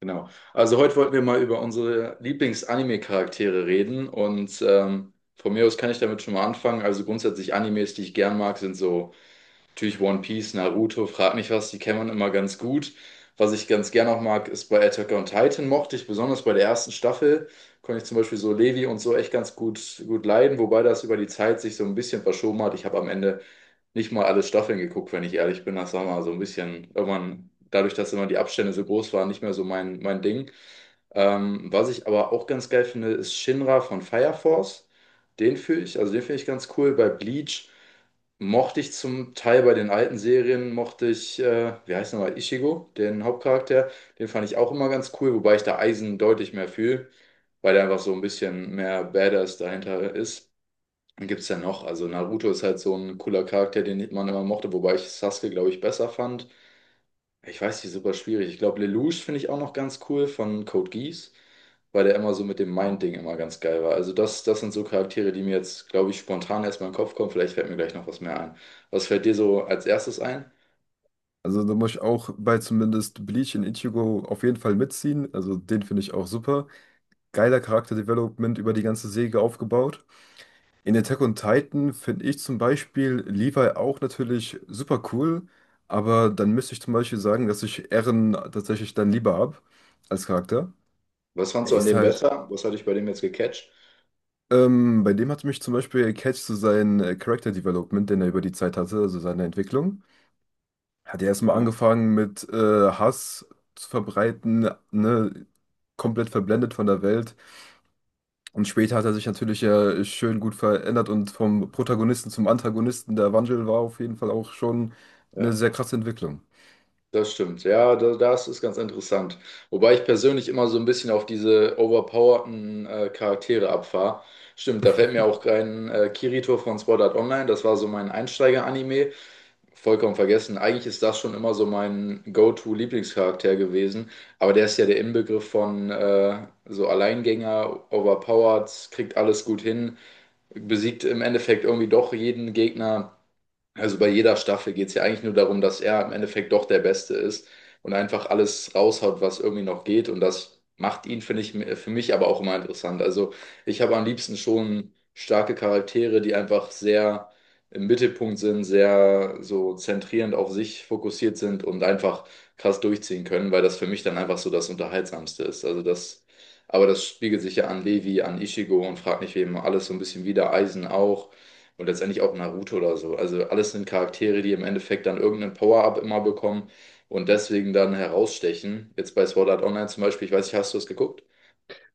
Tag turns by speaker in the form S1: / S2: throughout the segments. S1: Genau. Also heute wollten wir mal über unsere Lieblings-Anime-Charaktere reden, und von mir aus kann ich damit schon mal anfangen. Also grundsätzlich Animes, die ich gern mag, sind so. Natürlich One Piece, Naruto, frag nicht was, die kennt man immer ganz gut. Was ich ganz gerne auch mag, ist, bei Attack on Titan mochte ich, besonders bei der ersten Staffel, konnte ich zum Beispiel so Levi und so echt ganz gut leiden, wobei das über die Zeit sich so ein bisschen verschoben hat. Ich habe am Ende nicht mal alle Staffeln geguckt, wenn ich ehrlich bin. Das war mal so ein bisschen, irgendwann, dadurch, dass immer die Abstände so groß waren, nicht mehr so mein Ding. Was ich aber auch ganz geil finde, ist Shinra von Fire Force. Den fühle ich, also den finde ich ganz cool. Bei Bleach mochte ich zum Teil bei den alten Serien, mochte ich, wie heißt nochmal, Ichigo, den Hauptcharakter. Den fand ich auch immer ganz cool, wobei ich da Eisen deutlich mehr fühle, weil der einfach so ein bisschen mehr Badass dahinter ist. Dann gibt's ja noch, also Naruto ist halt so ein cooler Charakter, den man immer mochte, wobei ich Sasuke, glaube ich, besser fand. Ich weiß nicht, super schwierig. Ich glaube, Lelouch finde ich auch noch ganz cool, von Code Geass, weil der immer so mit dem Mind-Ding immer ganz geil war. Also das sind so Charaktere, die mir jetzt, glaube ich, spontan erstmal in den Kopf kommen. Vielleicht fällt mir gleich noch was mehr ein. Was fällt dir so als erstes ein?
S2: Also da muss ich auch bei zumindest Bleach in Ichigo auf jeden Fall mitziehen. Also den finde ich auch super. Geiler Charakterdevelopment über die ganze Serie aufgebaut. In Attack on Titan finde ich zum Beispiel Levi auch natürlich super cool. Aber dann müsste ich zum Beispiel sagen, dass ich Eren tatsächlich dann lieber habe als Charakter.
S1: Was
S2: Er
S1: fandst du an
S2: ist
S1: dem
S2: halt.
S1: besser? Was hat dich bei dem jetzt gecatcht?
S2: Bei dem hat mich zum Beispiel gecatcht zu so sein Character Development, den er über die Zeit hatte, also seine Entwicklung. Hat er erstmal
S1: Ja.
S2: angefangen mit Hass zu verbreiten, ne? Komplett verblendet von der Welt. Und später hat er sich natürlich ja schön gut verändert und vom Protagonisten zum Antagonisten. Der Wandel war auf jeden Fall auch schon eine
S1: Ja.
S2: sehr krasse Entwicklung.
S1: Das stimmt, ja, das ist ganz interessant. Wobei ich persönlich immer so ein bisschen auf diese overpowerten Charaktere abfahre. Stimmt, da fällt mir auch kein Kirito von Sword Art Online, das war so mein Einsteiger-Anime. Vollkommen vergessen. Eigentlich ist das schon immer so mein Go-To-Lieblingscharakter gewesen, aber der ist ja der Inbegriff von so Alleingänger, overpowered, kriegt alles gut hin, besiegt im Endeffekt irgendwie doch jeden Gegner. Also bei jeder Staffel geht es ja eigentlich nur darum, dass er im Endeffekt doch der Beste ist und einfach alles raushaut, was irgendwie noch geht. Und das macht ihn, finde ich, für mich aber auch immer interessant. Also ich habe am liebsten schon starke Charaktere, die einfach sehr im Mittelpunkt sind, sehr so zentrierend auf sich fokussiert sind und einfach krass durchziehen können, weil das für mich dann einfach so das Unterhaltsamste ist. Also das, aber das spiegelt sich ja an Levi, an Ichigo und frag nicht wem alles so ein bisschen wieder, Eisen auch. Und letztendlich auch Naruto oder so. Also alles sind Charaktere, die im Endeffekt dann irgendeinen Power-Up immer bekommen und deswegen dann herausstechen. Jetzt bei Sword Art Online zum Beispiel, ich weiß nicht, hast du es geguckt?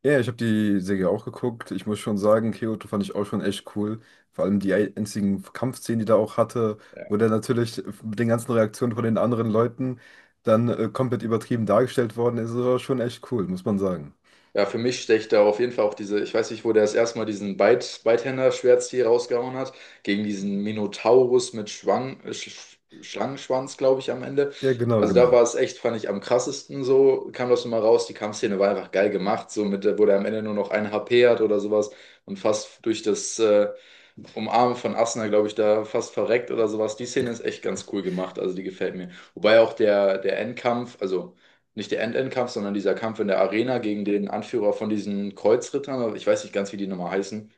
S2: Ja, ich habe die Serie auch geguckt. Ich muss schon sagen, Kyoto fand ich auch schon echt cool. Vor allem die einzigen Kampfszenen, die da auch hatte, wo der natürlich mit den ganzen Reaktionen von den anderen Leuten dann komplett übertrieben dargestellt worden ist. Das war schon echt cool, muss man sagen.
S1: Ja, für mich stecht da auf jeden Fall auch diese, ich weiß nicht, wo der das erste Mal diesen Beithänder-Schwertstil rausgehauen hat, gegen diesen Minotaurus mit Schwang, Sch Schlangenschwanz, glaube ich, am Ende.
S2: Ja, genau,
S1: Also da war
S2: genau.
S1: es echt, fand ich, am krassesten so, kam das nochmal raus. Die Kampfszene war einfach geil gemacht, so mit, wo der am Ende nur noch ein HP hat oder sowas und fast durch das Umarmen von Asuna, glaube ich, da fast verreckt oder sowas. Die Szene ist echt ganz cool gemacht, also die gefällt mir. Wobei auch der Endkampf, also nicht der End-End-Kampf, sondern dieser Kampf in der Arena gegen den Anführer von diesen Kreuzrittern, aber ich weiß nicht ganz, wie die nochmal heißen.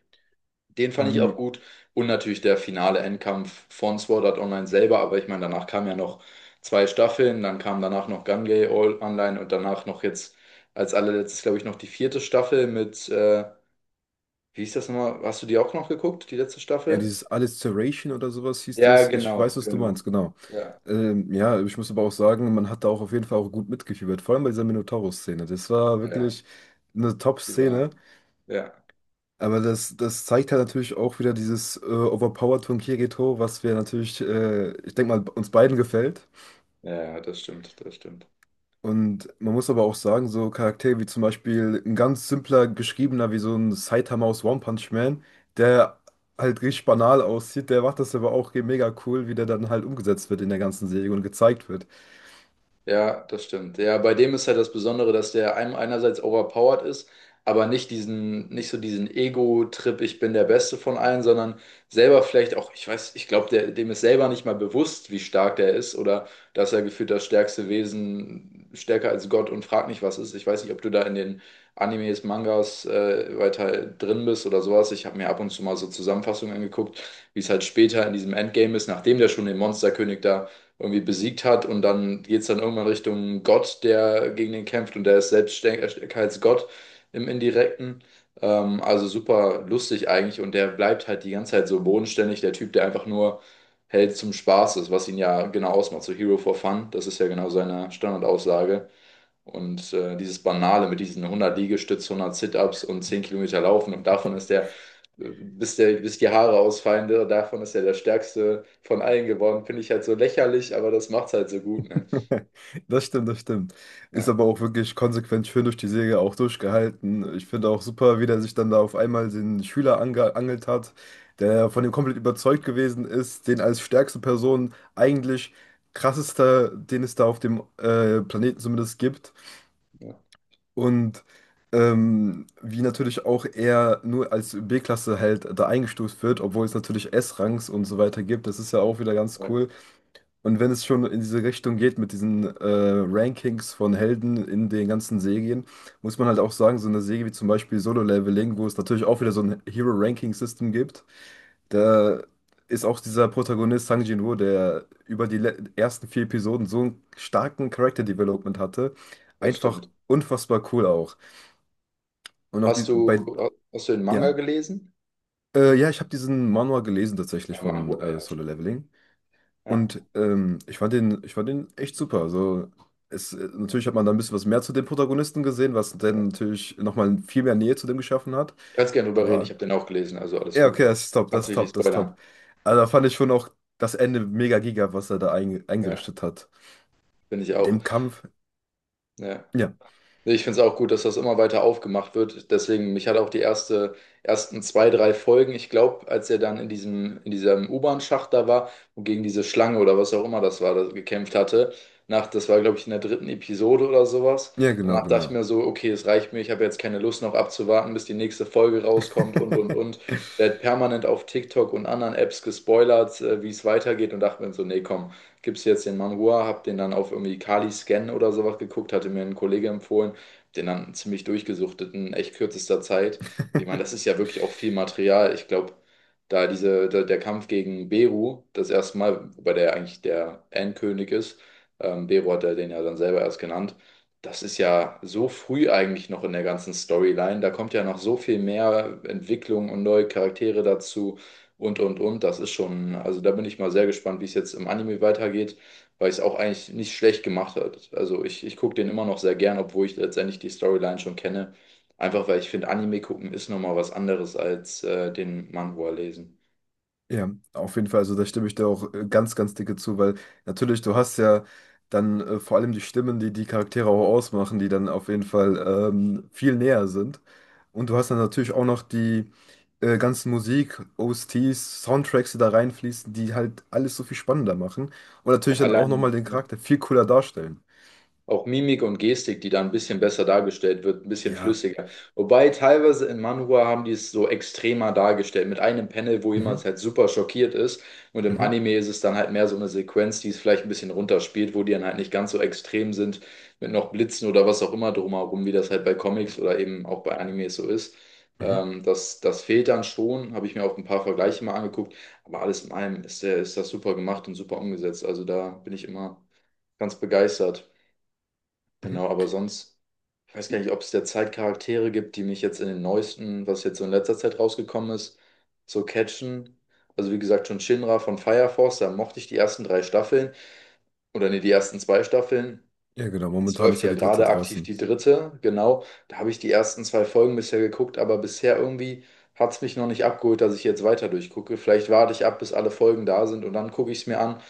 S1: Den fand ich auch
S2: Ähm,
S1: gut. Und natürlich der finale Endkampf von Sword Art Online selber, aber ich meine, danach kamen ja noch 2 Staffeln, dann kam danach noch Gungai All Online und danach noch jetzt als allerletztes, glaube ich, noch die vierte Staffel mit, wie hieß das nochmal? Hast du die auch noch geguckt, die letzte
S2: ja,
S1: Staffel?
S2: dieses Alliteration oder sowas hieß
S1: Ja,
S2: es. Ich
S1: genau,
S2: weiß, was du
S1: genau.
S2: meinst, genau.
S1: Ja,
S2: Ja, ich muss aber auch sagen, man hat da auch auf jeden Fall auch gut mitgefiebert, vor allem bei dieser Minotaurus-Szene. Das war
S1: ja, ja.
S2: wirklich eine
S1: Die
S2: Top-Szene,
S1: war. Ja,
S2: aber das, das zeigt halt natürlich auch wieder dieses Overpowered von Kirito, was wir natürlich, ich denke mal, uns beiden gefällt.
S1: ja, ja, das stimmt, das stimmt.
S2: Und man muss aber auch sagen, so Charaktere wie zum Beispiel ein ganz simpler geschriebener wie so ein Saitama aus One Punch Man, der halt richtig banal aussieht, der macht das aber auch mega cool, wie der dann halt umgesetzt wird in der ganzen Serie und gezeigt wird.
S1: Ja, das stimmt. Ja, bei dem ist halt das Besondere, dass der einem einerseits overpowered ist, aber nicht diesen, nicht so diesen Ego-Trip, ich bin der Beste von allen, sondern selber vielleicht auch, ich weiß, ich glaube, der, dem ist selber nicht mal bewusst, wie stark der ist, oder dass er gefühlt das stärkste Wesen, stärker als Gott und fragt nicht, was ist. Ich weiß nicht, ob du da in den Animes, Mangas weiter drin bist oder sowas. Ich habe mir ab und zu mal so Zusammenfassungen angeguckt, wie es halt später in diesem Endgame ist, nachdem der schon den Monsterkönig da irgendwie besiegt hat und dann geht es dann irgendwann Richtung Gott, der gegen den kämpft, und der ist selbst stärker als Gott im Indirekten. Also super lustig eigentlich, und der bleibt halt die ganze Zeit so bodenständig, der Typ, der einfach nur hält zum Spaß ist, was ihn ja genau ausmacht, so Hero for Fun, das ist ja genau seine Standardaussage. Und dieses Banale mit diesen 100 Liegestütz, 100 Sit-Ups und 10 Kilometer Laufen, und davon ist bis die Haare ausfallen, der, davon ist er der stärkste von allen geworden, finde ich halt so lächerlich, aber das macht's halt so gut, ne?
S2: Das stimmt, das stimmt. Ist
S1: Ja,
S2: aber auch wirklich konsequent schön durch die Serie auch durchgehalten. Ich finde auch super, wie der sich dann da auf einmal den Schüler angeangelt hat, der von ihm komplett überzeugt gewesen ist, den als stärkste Person eigentlich krassester, den es da auf dem Planeten zumindest gibt.
S1: ja,
S2: Und wie natürlich auch er nur als B-Klasse halt da eingestuft wird, obwohl es natürlich S-Rangs und so weiter gibt. Das ist ja auch wieder ganz
S1: ja,
S2: cool. Und wenn es schon in diese Richtung geht mit diesen Rankings von Helden in den ganzen Serien, muss man halt auch sagen, so eine Serie wie zum Beispiel Solo Leveling, wo es natürlich auch wieder so ein Hero-Ranking-System gibt, da ist auch dieser Protagonist Sang Jin-woo, der über die ersten 4 Episoden so einen starken Character-Development hatte,
S1: das
S2: einfach
S1: stimmt.
S2: unfassbar cool auch. Und auch die,
S1: Hast du,
S2: bei,
S1: hast du den Manga
S2: ja,
S1: gelesen?
S2: ja, ich habe diesen Manhwa gelesen tatsächlich
S1: Ah,
S2: von
S1: Mango, ah, ja,
S2: Solo
S1: stimmt.
S2: Leveling.
S1: Ja,
S2: Und ich fand den echt super. Also es, natürlich hat man da ein bisschen was mehr zu dem Protagonisten gesehen, was
S1: ja.
S2: dann natürlich nochmal viel mehr Nähe zu dem geschaffen hat.
S1: Kannst gerne drüber reden, ich
S2: Aber
S1: habe den auch gelesen, also alles
S2: ja,
S1: gut.
S2: okay, das ist top, das
S1: Kannst
S2: ist
S1: mich nicht
S2: top, das ist top.
S1: spoilern.
S2: Also da fand ich schon auch das Ende mega giga, was er da
S1: Ja,
S2: eingerichtet hat.
S1: bin ich
S2: Mit
S1: auch.
S2: dem Kampf.
S1: Ja.
S2: Ja,
S1: Nee, ich finde es auch gut, dass das immer weiter aufgemacht wird. Deswegen, mich hat auch ersten zwei, drei Folgen, ich glaube, als er dann in in diesem U-Bahn-Schacht da war und gegen diese Schlange oder was auch immer das war, das gekämpft hatte, das war, glaube ich, in der dritten Episode oder sowas.
S2: ja, genau,
S1: Danach dachte ich
S2: genau.
S1: mir so, okay, es reicht mir, ich habe jetzt keine Lust noch abzuwarten, bis die nächste Folge rauskommt und, und. Werd permanent auf TikTok und anderen Apps gespoilert, wie es weitergeht, und dachte mir so, nee, komm, gibst jetzt den Manhua, hab den dann auf irgendwie Kali Scan oder sowas geguckt, hatte mir ein Kollege empfohlen, den dann ziemlich durchgesuchtet in echt kürzester Zeit. Und ich meine, das ist ja wirklich auch viel Material. Ich glaube, der Kampf gegen Beru, das erste Mal, wobei der ja eigentlich der Endkönig ist, Beru hat er den ja dann selber erst genannt. Das ist ja so früh eigentlich noch in der ganzen Storyline. Da kommt ja noch so viel mehr Entwicklung und neue Charaktere dazu und und. Das ist schon, also da bin ich mal sehr gespannt, wie es jetzt im Anime weitergeht, weil es auch eigentlich nicht schlecht gemacht hat. Also ich gucke den immer noch sehr gern, obwohl ich letztendlich die Storyline schon kenne. Einfach weil ich finde, Anime gucken ist nochmal was anderes als den Manhwa lesen.
S2: Ja, auf jeden Fall. Also da stimme ich dir auch ganz, ganz dicke zu, weil natürlich, du hast ja dann vor allem die Stimmen, die die Charaktere auch ausmachen, die dann auf jeden Fall viel näher sind. Und du hast dann natürlich auch noch die ganzen Musik, OSTs, Soundtracks, die da reinfließen, die halt alles so viel spannender machen. Und
S1: Ja,
S2: natürlich dann auch nochmal
S1: allein.
S2: den Charakter viel cooler darstellen.
S1: Auch Mimik und Gestik, die da ein bisschen besser dargestellt wird, ein bisschen
S2: Ja.
S1: flüssiger. Wobei teilweise in Manhwa haben die es so extremer dargestellt, mit einem Panel, wo jemand
S2: Mhm.
S1: halt super schockiert ist. Und im
S2: Mhm.
S1: Anime ist es dann halt mehr so eine Sequenz, die es vielleicht ein bisschen runterspielt, wo die dann halt nicht ganz so extrem sind, mit noch Blitzen oder was auch immer drumherum, wie das halt bei Comics oder eben auch bei Animes so ist.
S2: Mhm.
S1: Das fehlt dann schon, habe ich mir auch ein paar Vergleiche mal angeguckt. Aber alles in allem ist, der, ist das super gemacht und super umgesetzt. Also da bin ich immer ganz begeistert. Genau,
S2: Mhm.
S1: aber sonst, ich weiß gar nicht, ob es derzeit Charaktere gibt, die mich jetzt in den neuesten, was jetzt so in letzter Zeit rausgekommen ist, so catchen. Also wie gesagt, schon Shinra von Fire Force, da mochte ich die ersten drei Staffeln. Oder nee, die ersten zwei Staffeln.
S2: Ja, genau.
S1: Es
S2: Momentan ist
S1: läuft
S2: ja
S1: ja
S2: die dritte
S1: gerade aktiv
S2: draußen.
S1: die dritte, genau. Da habe ich die ersten 2 Folgen bisher geguckt, aber bisher irgendwie hat es mich noch nicht abgeholt, dass ich jetzt weiter durchgucke. Vielleicht warte ich ab, bis alle Folgen da sind, und dann gucke ich es mir an.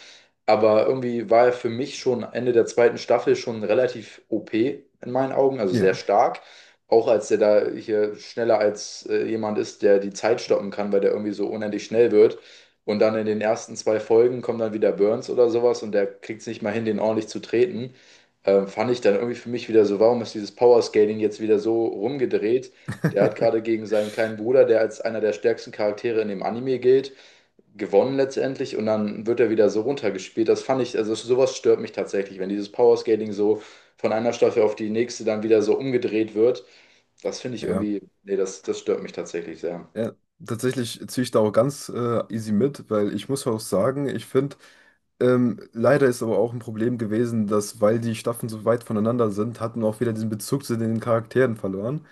S1: Aber irgendwie war er für mich schon Ende der zweiten Staffel schon relativ OP in meinen Augen, also sehr
S2: Ja.
S1: stark. Auch als der da hier schneller als jemand ist, der die Zeit stoppen kann, weil der irgendwie so unendlich schnell wird. Und dann in den ersten 2 Folgen kommt dann wieder Burns oder sowas, und der kriegt es nicht mal hin, den ordentlich zu treten. Fand ich dann irgendwie für mich wieder so, warum ist dieses Powerscaling jetzt wieder so rumgedreht? Der hat gerade gegen seinen kleinen Bruder, der als einer der stärksten Charaktere in dem Anime gilt, gewonnen letztendlich, und dann wird er wieder so runtergespielt. Das fand ich, also sowas stört mich tatsächlich, wenn dieses Powerscaling so von einer Staffel auf die nächste dann wieder so umgedreht wird. Das finde ich
S2: Ja.
S1: irgendwie, nee, das stört mich tatsächlich sehr.
S2: Ja, tatsächlich ziehe ich da auch ganz easy mit, weil ich muss auch sagen, ich finde, leider ist aber auch ein Problem gewesen, dass, weil die Staffeln so weit voneinander sind, hat man auch wieder diesen Bezug zu den Charakteren verloren.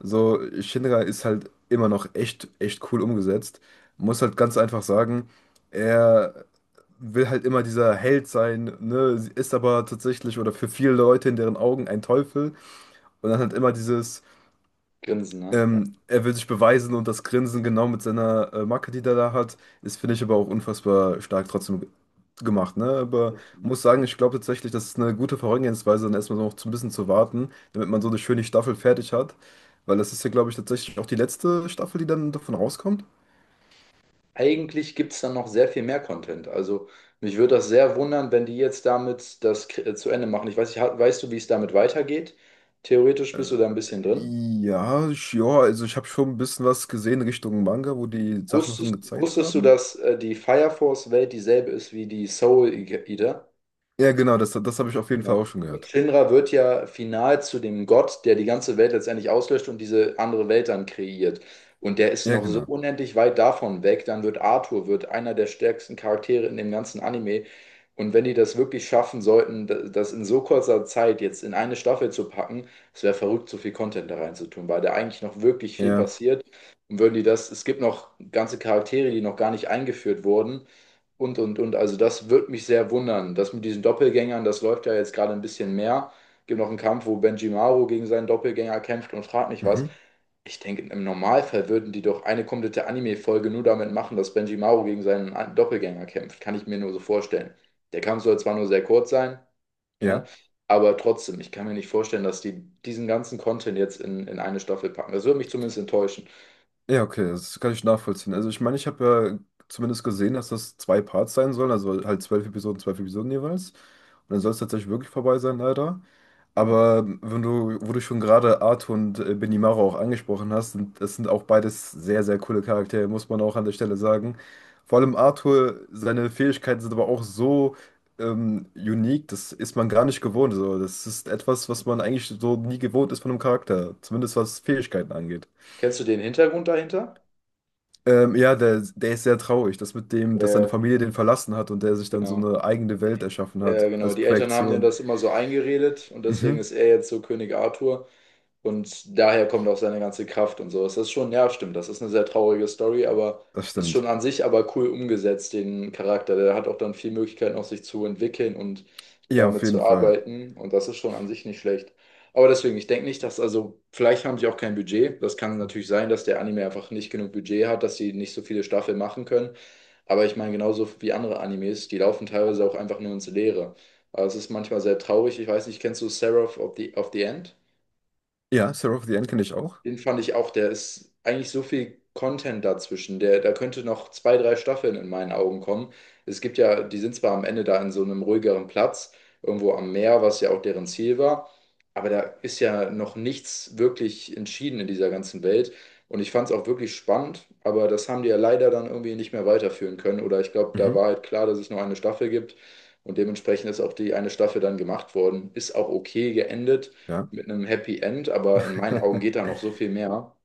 S2: So, Shinra ist halt immer noch echt, echt cool umgesetzt. Muss halt ganz einfach sagen, er will halt immer dieser Held sein, ne, ist aber tatsächlich oder für viele Leute in deren Augen ein Teufel. Und dann halt immer dieses.
S1: Grinsen, ne? Ja.
S2: Er will sich beweisen und das Grinsen genau mit seiner Macke, die er da hat, ist, finde ich, aber auch unfassbar stark trotzdem gemacht. Ne? Aber muss sagen, ich glaube tatsächlich, das ist eine gute Vorgehensweise, dann erstmal noch so ein bisschen zu warten, damit man so eine schöne Staffel fertig hat. Weil das ist ja, glaube ich, tatsächlich auch die letzte Staffel, die dann davon rauskommt.
S1: Eigentlich gibt es dann noch sehr viel mehr Content. Also mich würde das sehr wundern, wenn die jetzt damit das zu Ende machen. Ich weiß nicht, weißt du, wie es damit weitergeht? Theoretisch
S2: Äh,
S1: bist du da ein bisschen drin.
S2: ja, ja, also ich habe schon ein bisschen was gesehen Richtung Manga, wo die Sachen davon
S1: Wusstest,
S2: gezeigt
S1: wusstest du,
S2: haben.
S1: dass die Fire Force Welt dieselbe ist wie die Soul Eater?
S2: Ja, genau, das, das habe ich auf jeden
S1: Ja.
S2: Fall auch schon
S1: Und
S2: gehört.
S1: Shinra wird ja final zu dem Gott, der die ganze Welt letztendlich auslöscht und diese andere Welt dann kreiert. Und der ist
S2: Ja,
S1: noch so
S2: genau.
S1: unendlich weit davon weg. Dann wird Arthur, wird einer der stärksten Charaktere in dem ganzen Anime. Und wenn die das wirklich schaffen sollten, das in so kurzer Zeit jetzt in eine Staffel zu packen, es wäre verrückt, so viel Content da reinzutun, weil da eigentlich noch wirklich viel
S2: Ja.
S1: passiert. Und würden die das, es gibt noch ganze Charaktere, die noch gar nicht eingeführt wurden. Also das würde mich sehr wundern. Das mit diesen Doppelgängern, das läuft ja jetzt gerade ein bisschen mehr. Gibt noch einen Kampf, wo Benjimaro gegen seinen Doppelgänger kämpft und fragt mich was.
S2: Mhm.
S1: Ich denke, im Normalfall würden die doch eine komplette Anime-Folge nur damit machen, dass Benjimaro gegen seinen Doppelgänger kämpft. Kann ich mir nur so vorstellen. Der Kampf soll zwar nur sehr kurz sein, ne?
S2: Ja.
S1: Aber trotzdem, ich kann mir nicht vorstellen, dass die diesen ganzen Content jetzt in eine Staffel packen. Das würde mich zumindest enttäuschen.
S2: Ja, okay, das kann ich nachvollziehen. Also ich meine, ich habe ja zumindest gesehen, dass das 2 Parts sein sollen, also halt 12 Episoden, 12 Episoden jeweils. Und dann soll es tatsächlich wirklich vorbei sein, leider.
S1: Ja.
S2: Aber wenn du, wo du schon gerade Arthur und Benimaru auch angesprochen hast, sind, das sind auch beides sehr, sehr coole Charaktere, muss man auch an der Stelle sagen. Vor allem Arthur, seine Fähigkeiten sind aber auch so unique, das ist man gar nicht gewohnt. So. Das ist etwas, was man eigentlich so nie gewohnt ist von einem Charakter, zumindest was Fähigkeiten angeht.
S1: Kennst du den Hintergrund dahinter?
S2: Ja, der, der ist sehr traurig, das mit dem, dass seine
S1: Äh,
S2: Familie den verlassen hat und der sich dann so
S1: Genau.
S2: eine eigene Welt erschaffen hat
S1: Ja, genau.
S2: als
S1: Die Eltern haben denen
S2: Projektion.
S1: das immer so eingeredet und deswegen
S2: Mhm,
S1: ist er jetzt so König Arthur. Und daher kommt auch seine ganze Kraft und sowas. Das ist schon, ja, stimmt, das ist eine sehr traurige Story, aber
S2: das
S1: ist
S2: stimmt.
S1: schon an sich aber cool umgesetzt, den Charakter. Der hat auch dann viel Möglichkeiten, auch sich zu entwickeln und
S2: Ja, auf
S1: damit
S2: jeden
S1: zu
S2: Fall.
S1: arbeiten. Und das ist schon an sich nicht schlecht. Aber deswegen, ich denke nicht, dass, also, vielleicht haben sie auch kein Budget. Das kann natürlich sein, dass der Anime einfach nicht genug Budget hat, dass sie nicht so viele Staffeln machen können. Aber ich meine, genauso wie andere Animes, die laufen teilweise auch einfach nur ins Leere. Aber es ist manchmal sehr traurig. Ich weiß nicht, kennst du Seraph of the End?
S2: Ja, Sarah of the End kenne ich auch.
S1: Den fand ich auch, der ist eigentlich so viel Content dazwischen. Der, da könnte noch zwei, drei Staffeln in meinen Augen kommen. Es gibt ja, die sind zwar am Ende da in so einem ruhigeren Platz, irgendwo am Meer, was ja auch deren Ziel war, aber da ist ja noch nichts wirklich entschieden in dieser ganzen Welt. Und ich fand es auch wirklich spannend, aber das haben die ja leider dann irgendwie nicht mehr weiterführen können. Oder ich glaube, da
S2: Mhm,
S1: war halt klar, dass es nur eine Staffel gibt. Und dementsprechend ist auch die eine Staffel dann gemacht worden. Ist auch okay geendet
S2: ja.
S1: mit einem Happy End, aber in meinen Augen geht da noch so viel mehr.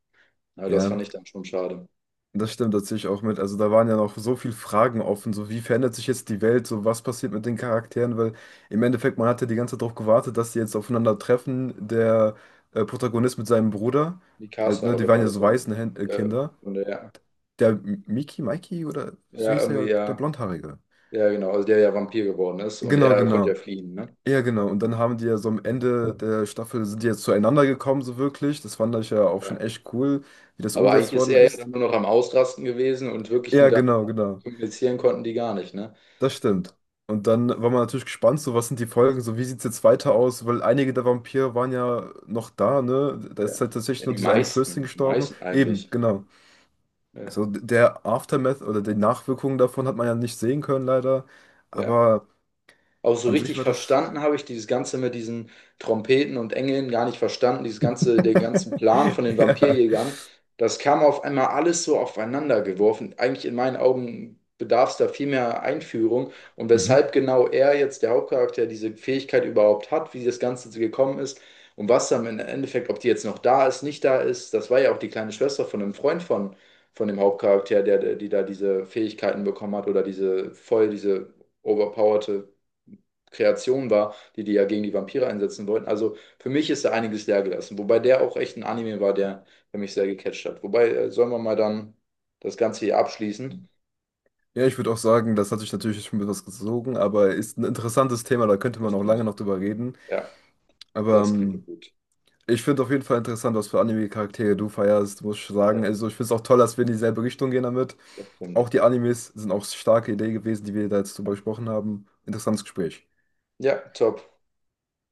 S1: Na, das
S2: Ja,
S1: fand ich dann schon schade.
S2: das stimmt, das sehe ich auch mit. Also da waren ja noch so viele Fragen offen, so wie verändert sich jetzt die Welt, so was passiert mit den Charakteren, weil im Endeffekt, man hat ja die ganze Zeit darauf gewartet, dass die jetzt aufeinandertreffen, der Protagonist mit seinem Bruder, halt,
S1: Mikasa,
S2: ne, die
S1: oder
S2: waren
S1: war
S2: ja
S1: das,
S2: so
S1: oder? Äh,
S2: Waisenkinder.
S1: und der,
S2: Der Mikey oder so
S1: ja,
S2: hieß er
S1: irgendwie,
S2: ja, der
S1: ja,
S2: Blondhaarige.
S1: ja, genau, also der ja Vampir geworden ist und
S2: Genau,
S1: er konnte ja
S2: genau.
S1: fliehen, ne?
S2: Ja, genau. Und dann haben die ja so am Ende der Staffel sind die jetzt zueinander gekommen, so wirklich. Das fand ich ja auch schon
S1: Ja.
S2: echt cool, wie das
S1: Aber eigentlich
S2: umgesetzt
S1: ist
S2: worden
S1: er ja
S2: ist.
S1: dann nur noch am Ausrasten gewesen und wirklich
S2: Ja,
S1: mit
S2: genau, genau.
S1: kommunizieren konnten die gar nicht, ne?
S2: Das stimmt. Und dann war man natürlich gespannt, so was sind die Folgen, so wie sieht es jetzt weiter aus, weil einige der Vampire waren ja noch da, ne? Da
S1: Ja,
S2: ist halt
S1: ja,
S2: tatsächlich nur
S1: die
S2: diese eine Fürstin
S1: meisten, die
S2: gestorben.
S1: meisten
S2: Eben,
S1: eigentlich.
S2: genau.
S1: Ja,
S2: Also der Aftermath oder die Nachwirkungen davon hat man ja nicht sehen können, leider.
S1: ja.
S2: Aber
S1: Auch so
S2: an sich
S1: richtig
S2: war das.
S1: verstanden habe ich dieses Ganze mit diesen Trompeten und Engeln gar nicht verstanden. Dieses ganze, den ganzen Plan von den
S2: Ja.
S1: Vampirjägern, das kam auf einmal alles so aufeinander geworfen. Eigentlich in meinen Augen bedarf es da viel mehr Einführung. Und
S2: Mhm.
S1: weshalb genau er jetzt, der Hauptcharakter, diese Fähigkeit überhaupt hat, wie das Ganze so gekommen ist und was dann im Endeffekt, ob die jetzt noch da ist, nicht da ist, das war ja auch die kleine Schwester von einem Freund von dem Hauptcharakter, die da diese Fähigkeiten bekommen hat oder diese voll, diese overpowerte Kreation war, die die ja gegen die Vampire einsetzen wollten. Also für mich ist da einiges leer gelassen. Wobei der auch echt ein Anime war, der, der mich sehr gecatcht hat. Wobei, sollen wir mal dann das Ganze hier abschließen?
S2: Ja, ich würde auch sagen, das hat sich natürlich schon etwas gezogen, aber ist ein interessantes Thema, da könnte
S1: Das
S2: man auch lange
S1: stimmt.
S2: noch drüber reden.
S1: Ja,
S2: Aber
S1: das klingt gut.
S2: ich finde auf jeden Fall interessant, was für Anime-Charaktere du feierst, muss ich sagen.
S1: Ja,
S2: Also ich finde es auch toll, dass wir in dieselbe Richtung gehen damit.
S1: das stimmt.
S2: Auch die Animes sind auch starke Idee gewesen, die wir da jetzt drüber gesprochen haben. Interessantes Gespräch.
S1: Ja, top.